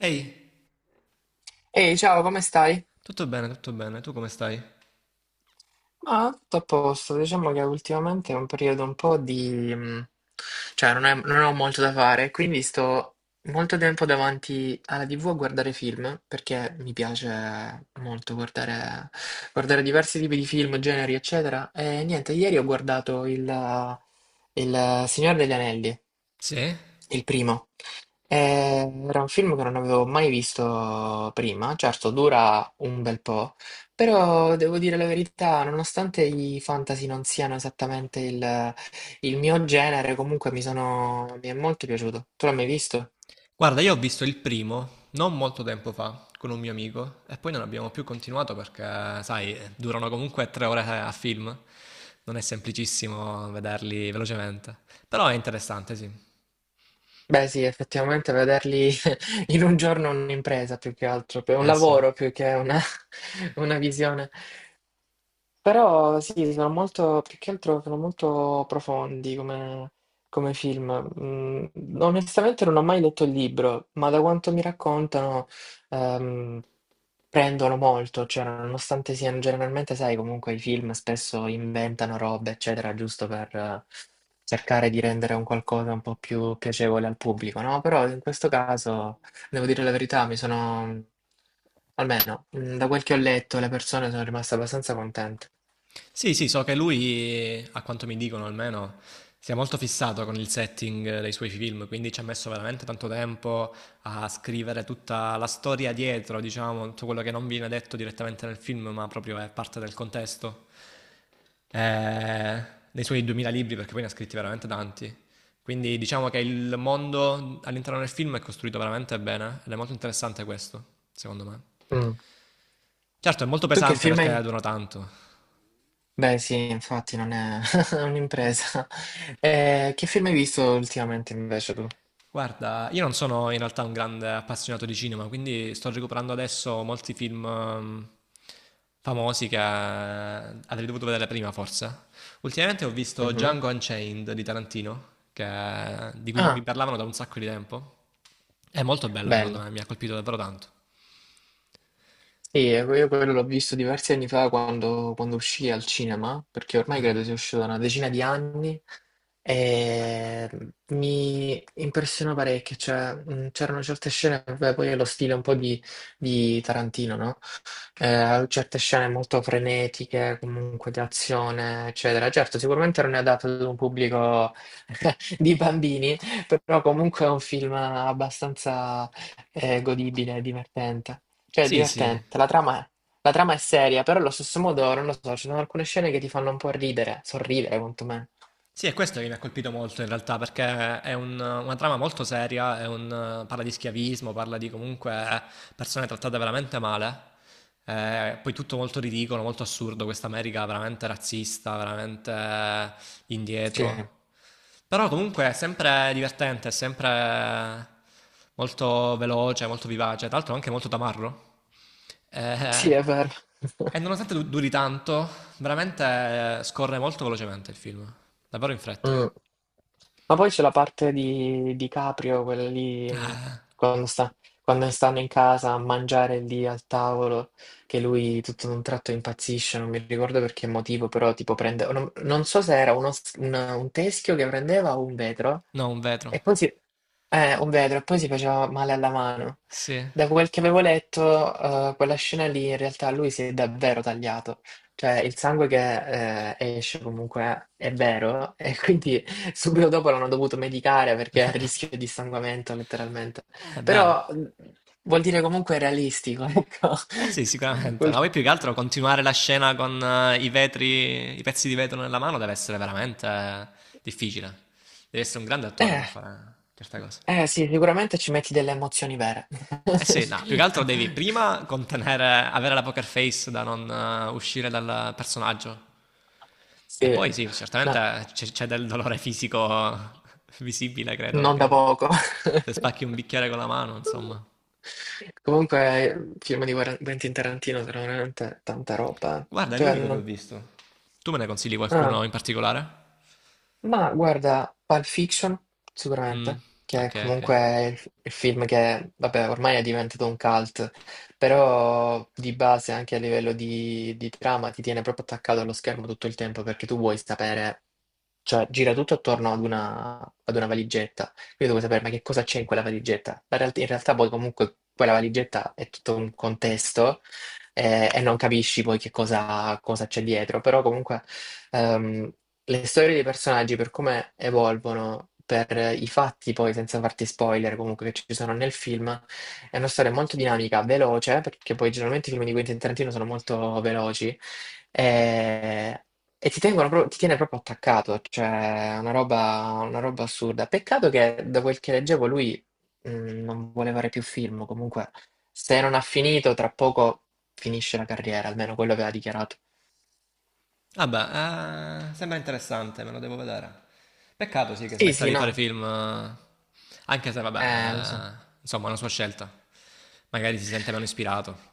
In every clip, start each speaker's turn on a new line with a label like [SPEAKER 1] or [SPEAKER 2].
[SPEAKER 1] Ehi,
[SPEAKER 2] Ehi, ciao, come stai?
[SPEAKER 1] tutto bene, tu come stai?
[SPEAKER 2] Ma tutto a posto, diciamo che ultimamente è un periodo un po' di... cioè non ho molto da fare, quindi sto molto tempo davanti alla TV a guardare film, perché mi piace molto guardare diversi tipi di film, generi, eccetera. E niente, ieri ho guardato il Signore degli Anelli,
[SPEAKER 1] Sì?
[SPEAKER 2] il primo. Era un film che non avevo mai visto prima, certo dura un bel po', però devo dire la verità, nonostante i fantasy non siano esattamente il mio genere, comunque mi è molto piaciuto. Tu l'hai mai visto?
[SPEAKER 1] Guarda, io ho visto il primo non molto tempo fa con un mio amico e poi non abbiamo più continuato perché, sai, durano comunque 3 ore a film, non è semplicissimo vederli velocemente, però è interessante, sì.
[SPEAKER 2] Beh sì, effettivamente vederli in un giorno è un'impresa più che altro, è un
[SPEAKER 1] Eh sì.
[SPEAKER 2] lavoro più che una visione. Però sì, sono molto più che altro sono molto profondi come film. Mhmm, onestamente non ho mai letto il libro, ma da quanto mi raccontano, ehm, prendono molto, cioè nonostante siano generalmente sai comunque i film spesso inventano robe, eccetera, giusto per cercare di rendere un qualcosa un po' più piacevole al pubblico, no, però in questo caso, devo dire la verità, mi sono almeno, da quel che ho letto, le persone sono rimaste abbastanza contente.
[SPEAKER 1] Sì, sì, so che lui, a quanto mi dicono almeno, si è molto fissato con il setting dei suoi film, quindi ci ha messo veramente tanto tempo a scrivere tutta la storia dietro, diciamo, tutto quello che non viene detto direttamente nel film, ma proprio è parte del contesto. Eh, Dei suoi 2000 libri, perché poi ne ha scritti veramente tanti. Quindi diciamo che il mondo all'interno del film è costruito veramente bene ed è molto interessante questo, secondo me.
[SPEAKER 2] Mm.
[SPEAKER 1] Certo, è molto
[SPEAKER 2] Tu che
[SPEAKER 1] pesante
[SPEAKER 2] film hai?
[SPEAKER 1] perché dura tanto.
[SPEAKER 2] Beh, sì, infatti non è un'impresa. Che film hai visto ultimamente invece tu?
[SPEAKER 1] Guarda, io non sono in realtà un grande appassionato di cinema, quindi sto recuperando adesso molti film famosi che avrei dovuto vedere prima, forse. Ultimamente ho visto
[SPEAKER 2] Mhm.
[SPEAKER 1] Django Unchained di Tarantino, di cui mi
[SPEAKER 2] Ah,
[SPEAKER 1] parlavano da un sacco di tempo. È molto bello, secondo
[SPEAKER 2] bello.
[SPEAKER 1] me, mi ha colpito davvero tanto.
[SPEAKER 2] Sì, io quello l'ho visto diversi anni fa quando uscì al cinema, perché ormai credo sia uscito da una decina di anni, e mi impressionò parecchio, cioè, c'erano certe scene, vabbè, poi è lo stile un po' di Tarantino, no? Certe scene molto frenetiche, comunque di azione, eccetera. Certo, sicuramente non è adatto ad un pubblico di bambini, però comunque è un film abbastanza godibile, e divertente. Cioè, è
[SPEAKER 1] Sì, sì.
[SPEAKER 2] divertente. La trama è seria, però allo stesso modo, non lo so, ci sono alcune scene che ti fanno un po' ridere, sorridere, quantomeno.
[SPEAKER 1] Sì, è questo che mi ha colpito molto in realtà, perché una trama molto seria, parla di schiavismo, parla di comunque persone trattate veramente male. Poi tutto molto ridicolo, molto assurdo, questa America veramente razzista, veramente
[SPEAKER 2] Sì,
[SPEAKER 1] indietro. Però comunque è sempre divertente, è sempre molto veloce, molto vivace, tra l'altro anche molto tamarro.
[SPEAKER 2] sì,
[SPEAKER 1] Eh,
[SPEAKER 2] è vero.
[SPEAKER 1] e nonostante duri tanto, veramente scorre molto velocemente il film. Davvero in fretta.
[SPEAKER 2] Mm. Ma poi c'è la parte di Caprio, quella lì,
[SPEAKER 1] Ah,
[SPEAKER 2] quando sta, quando stanno in casa a mangiare lì al tavolo, che lui tutto d'un tratto impazzisce, non mi ricordo per che motivo, però tipo prende, non so se era un teschio che prendeva o un vetro,
[SPEAKER 1] no, un vetro.
[SPEAKER 2] e poi si, un vetro, e poi si faceva male alla mano.
[SPEAKER 1] Sì.
[SPEAKER 2] Da quel che avevo letto, quella scena lì in realtà lui si è davvero tagliato. Cioè, il sangue che esce comunque è vero, e quindi subito dopo l'hanno dovuto medicare perché è a rischio di sanguinamento letteralmente.
[SPEAKER 1] Eh beh.
[SPEAKER 2] Però vuol dire comunque realistico, ecco.
[SPEAKER 1] Eh sì, sicuramente. Ma
[SPEAKER 2] Quel-
[SPEAKER 1] poi più che altro continuare la scena con i vetri, i pezzi di vetro nella mano deve essere veramente difficile. Devi essere un grande attore
[SPEAKER 2] Eh,
[SPEAKER 1] per fare certe cose.
[SPEAKER 2] eh, sì, sicuramente ci metti delle emozioni vere. No,
[SPEAKER 1] Eh sì, no, più che altro devi prima contenere, avere la poker face da non uscire dal personaggio. E
[SPEAKER 2] sì,
[SPEAKER 1] poi sì, certamente
[SPEAKER 2] no,
[SPEAKER 1] c'è, c'è del dolore fisico visibile, credo,
[SPEAKER 2] non da
[SPEAKER 1] perché
[SPEAKER 2] poco.
[SPEAKER 1] se spacchi un bicchiere con la mano, insomma.
[SPEAKER 2] Comunque, film di Quentin Tarantino sono veramente tanta roba.
[SPEAKER 1] Guarda, è
[SPEAKER 2] Cioè,
[SPEAKER 1] l'unico che ho
[SPEAKER 2] non...
[SPEAKER 1] visto. Tu me ne consigli
[SPEAKER 2] ah.
[SPEAKER 1] qualcuno in particolare?
[SPEAKER 2] Ma guarda, Pulp Fiction,
[SPEAKER 1] Mm,
[SPEAKER 2] sicuramente, che è
[SPEAKER 1] ok, ok.
[SPEAKER 2] comunque il film che, vabbè, ormai è diventato un cult, però di base anche a livello di trama ti tiene proprio attaccato allo schermo tutto il tempo perché tu vuoi sapere, cioè gira tutto attorno ad una valigetta, quindi tu vuoi sapere ma che cosa c'è in quella valigetta. In realtà poi comunque quella valigetta è tutto un contesto e non capisci poi che cosa c'è dietro, però comunque... ehm, le storie dei personaggi per come evolvono, per i fatti poi, senza farti spoiler comunque che ci sono nel film, è una storia molto dinamica, veloce, perché poi generalmente i film di Quentin Tarantino sono molto veloci, e, e ti tiene proprio attaccato, cioè è una roba assurda. Peccato che da quel che leggevo lui mh, non vuole fare più film, comunque se non ha finito, tra poco finisce la carriera, almeno quello aveva dichiarato.
[SPEAKER 1] Vabbè, sembra interessante, me lo devo vedere. Peccato sì che
[SPEAKER 2] Sì,
[SPEAKER 1] smetta
[SPEAKER 2] sì,
[SPEAKER 1] di fare
[SPEAKER 2] no,
[SPEAKER 1] film, anche se vabbè,
[SPEAKER 2] lo so.
[SPEAKER 1] insomma è una sua scelta. Magari si sente meno ispirato.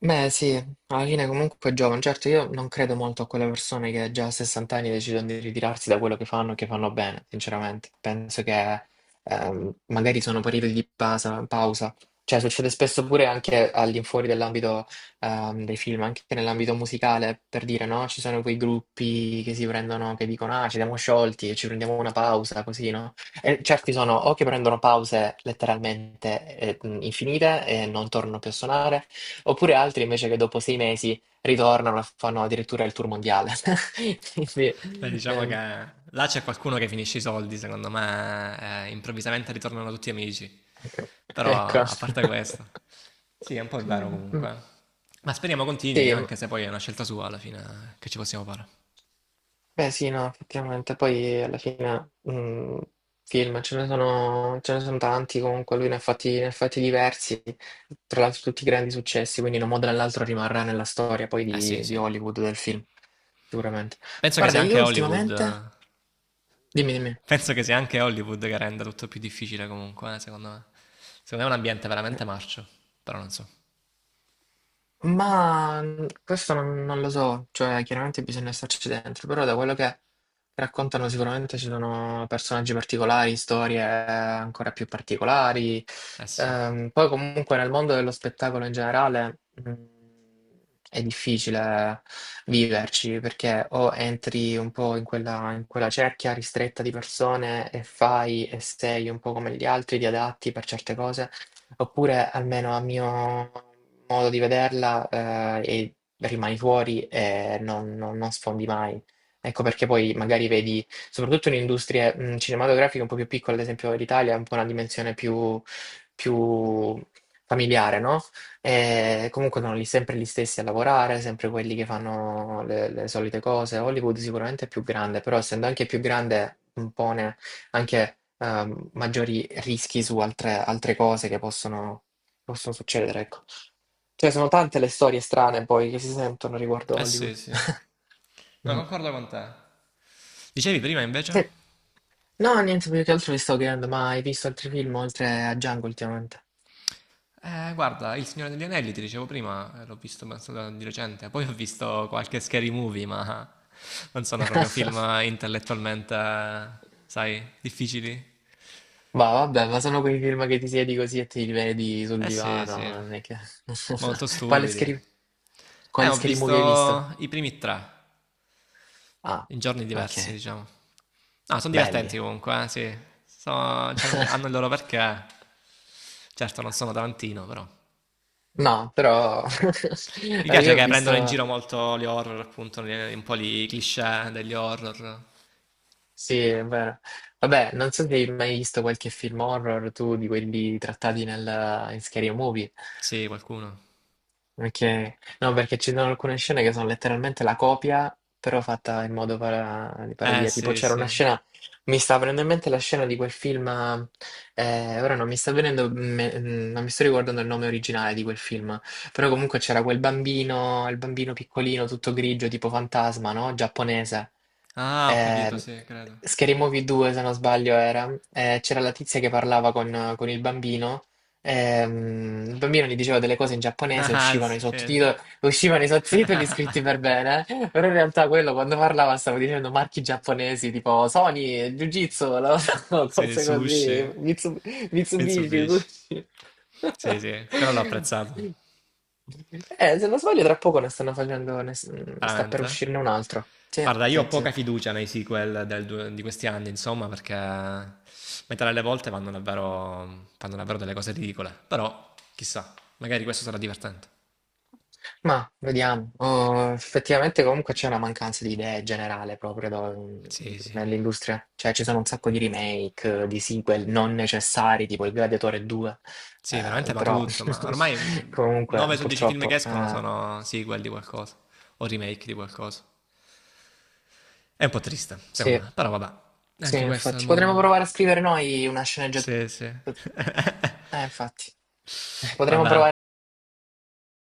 [SPEAKER 2] Beh sì, alla fine comunque è giovane, certo io non credo molto a quelle persone che già a 60 anni decidono di ritirarsi da quello che fanno e che fanno bene, sinceramente. Penso che magari sono periodi di pausa. Cioè succede spesso pure anche all'infuori dell'ambito dei film, anche nell'ambito musicale, per dire no, ci sono quei gruppi che si prendono, che dicono ah ci siamo sciolti e ci prendiamo una pausa, così no? E certi sono o che prendono pause letteralmente infinite e non tornano più a suonare, oppure altri invece che dopo 6 mesi ritornano e fanno addirittura il tour mondiale. Quindi,
[SPEAKER 1] Beh, diciamo che là c'è qualcuno che finisce i soldi, secondo me, improvvisamente ritornano tutti amici. Però
[SPEAKER 2] ecco.
[SPEAKER 1] a parte questo, sì, è un po' vero
[SPEAKER 2] Mm,
[SPEAKER 1] comunque. Ma speriamo continui,
[SPEAKER 2] sì,
[SPEAKER 1] anche se poi è una scelta sua alla fine, che ci possiamo fare.
[SPEAKER 2] beh sì, no, effettivamente. Poi alla fine film ce ne sono tanti comunque, lui ne ha fatti diversi, tra l'altro tutti grandi successi, quindi in un modo o nell'altro rimarrà nella storia poi
[SPEAKER 1] Eh sì,
[SPEAKER 2] di
[SPEAKER 1] sì.
[SPEAKER 2] Hollywood, del film, sicuramente.
[SPEAKER 1] Penso che
[SPEAKER 2] Guarda,
[SPEAKER 1] sia
[SPEAKER 2] io
[SPEAKER 1] anche Hollywood
[SPEAKER 2] ultimamente...
[SPEAKER 1] eh,
[SPEAKER 2] Dimmi, dimmi.
[SPEAKER 1] Penso che sia anche Hollywood che renda tutto più difficile comunque, secondo me. Secondo me è un ambiente veramente marcio, però non so.
[SPEAKER 2] Ma questo non lo so, cioè chiaramente bisogna starci dentro, però da quello che raccontano sicuramente ci sono personaggi particolari, storie ancora più particolari.
[SPEAKER 1] Eh sì.
[SPEAKER 2] Poi comunque nel mondo dello spettacolo in generale mm, è difficile viverci perché o entri un po' in in quella cerchia ristretta di persone e fai e sei un po' come gli altri, ti adatti per certe cose, oppure almeno a mio modo di vederla e rimani fuori e non sfondi mai. Ecco perché poi magari vedi, soprattutto in industrie cinematografiche un po' più piccole, ad esempio l'Italia ha un po' una dimensione più familiare, no? E comunque sono lì sempre gli stessi a lavorare, sempre quelli che fanno le solite cose. Hollywood sicuramente è più grande, però essendo anche più grande impone anche maggiori rischi su altre cose che possono succedere, ecco. Cioè, sono tante le storie strane poi che si sentono riguardo
[SPEAKER 1] Eh sì,
[SPEAKER 2] Hollywood.
[SPEAKER 1] sì. No,
[SPEAKER 2] Mm.
[SPEAKER 1] concordo con te. Dicevi prima invece?
[SPEAKER 2] Sì. No, niente, più che altro mi sto chiedendo, ma hai visto altri film oltre a Django ultimamente?
[SPEAKER 1] Guarda, Il Signore degli Anelli, ti dicevo prima, l'ho visto penso di recente, poi ho visto qualche Scary Movie, ma non sono proprio film intellettualmente, sai, difficili.
[SPEAKER 2] Ma vabbè, ma sono quei film che ti siedi così e ti rivedi sul
[SPEAKER 1] Eh sì,
[SPEAKER 2] divano,
[SPEAKER 1] sì.
[SPEAKER 2] non è che...
[SPEAKER 1] Molto
[SPEAKER 2] Quale
[SPEAKER 1] stupidi.
[SPEAKER 2] scary... Quale
[SPEAKER 1] Ho
[SPEAKER 2] scary movie hai visto?
[SPEAKER 1] visto i primi tre.
[SPEAKER 2] Ah,
[SPEAKER 1] In giorni
[SPEAKER 2] ok,
[SPEAKER 1] diversi, diciamo. No, sono divertenti
[SPEAKER 2] belli.
[SPEAKER 1] comunque, sì. Cioè, hanno il loro perché. Certo, non sono Tarantino, però.
[SPEAKER 2] No, però
[SPEAKER 1] Mi piace
[SPEAKER 2] io ho
[SPEAKER 1] che prendono in
[SPEAKER 2] visto.
[SPEAKER 1] giro molto gli horror, appunto, un po' i cliché degli horror.
[SPEAKER 2] Sì, è vero. Vabbè, non so se hai mai visto qualche film horror tu di quelli trattati in Scary Movie.
[SPEAKER 1] Sì, qualcuno.
[SPEAKER 2] Ok, no, perché ci sono alcune scene che sono letteralmente la copia, però fatta in modo di parodia. Tipo
[SPEAKER 1] Sì,
[SPEAKER 2] c'era
[SPEAKER 1] sì.
[SPEAKER 2] una scena, mi sta venendo in mente la scena di quel film, ora non mi sta venendo, non mi sto ricordando il nome originale di quel film, però comunque c'era quel bambino, il bambino piccolino, tutto grigio, tipo fantasma, no? Giapponese.
[SPEAKER 1] Ah, ho capito,
[SPEAKER 2] Eh,
[SPEAKER 1] sì, credo.
[SPEAKER 2] Scary Movie 2, se non sbaglio, era. C'era la tizia che parlava con il bambino. Il bambino gli diceva delle cose in giapponese,
[SPEAKER 1] Ah, sì,
[SPEAKER 2] uscivano i sottotitoli scritti per bene, eh. Però in realtà quello quando parlava stava dicendo marchi giapponesi tipo Sony, Jiu-Jitsu,
[SPEAKER 1] sì,
[SPEAKER 2] cose
[SPEAKER 1] sushi.
[SPEAKER 2] così, Mitsubishi,
[SPEAKER 1] Mitsubishi.
[SPEAKER 2] sushi.
[SPEAKER 1] Sì, sì, quello l'ho apprezzato.
[SPEAKER 2] Se non sbaglio, tra poco ne stanno facendo, ne s- sta per
[SPEAKER 1] Veramente?
[SPEAKER 2] uscirne un altro. Sì,
[SPEAKER 1] Guarda, io
[SPEAKER 2] sì,
[SPEAKER 1] ho
[SPEAKER 2] sì.
[SPEAKER 1] poca fiducia nei sequel di questi anni, insomma, perché metà delle volte vanno davvero, fanno davvero delle cose ridicole. Però, chissà, magari questo sarà divertente.
[SPEAKER 2] Ma vediamo, oh, effettivamente comunque c'è una mancanza di idee generale proprio
[SPEAKER 1] Sì, sì.
[SPEAKER 2] nell'industria, cioè ci sono un sacco di remake, di sequel non necessari, tipo il Gladiatore 2.
[SPEAKER 1] Sì, veramente, ma
[SPEAKER 2] Però
[SPEAKER 1] tutto. Ma ormai
[SPEAKER 2] comunque
[SPEAKER 1] 9 su 10 film che
[SPEAKER 2] purtroppo
[SPEAKER 1] escono sono sequel di qualcosa o remake di qualcosa. È un po' triste, secondo
[SPEAKER 2] sì,
[SPEAKER 1] me, però vabbè.
[SPEAKER 2] sì,
[SPEAKER 1] Anche questo è il
[SPEAKER 2] infatti potremmo
[SPEAKER 1] mondo.
[SPEAKER 2] provare a scrivere noi una sceneggiatura.
[SPEAKER 1] Sì, sì.
[SPEAKER 2] Infatti. Potremmo
[SPEAKER 1] Vabbè,
[SPEAKER 2] provare a scrivere noi una sceneggiatura e vediamo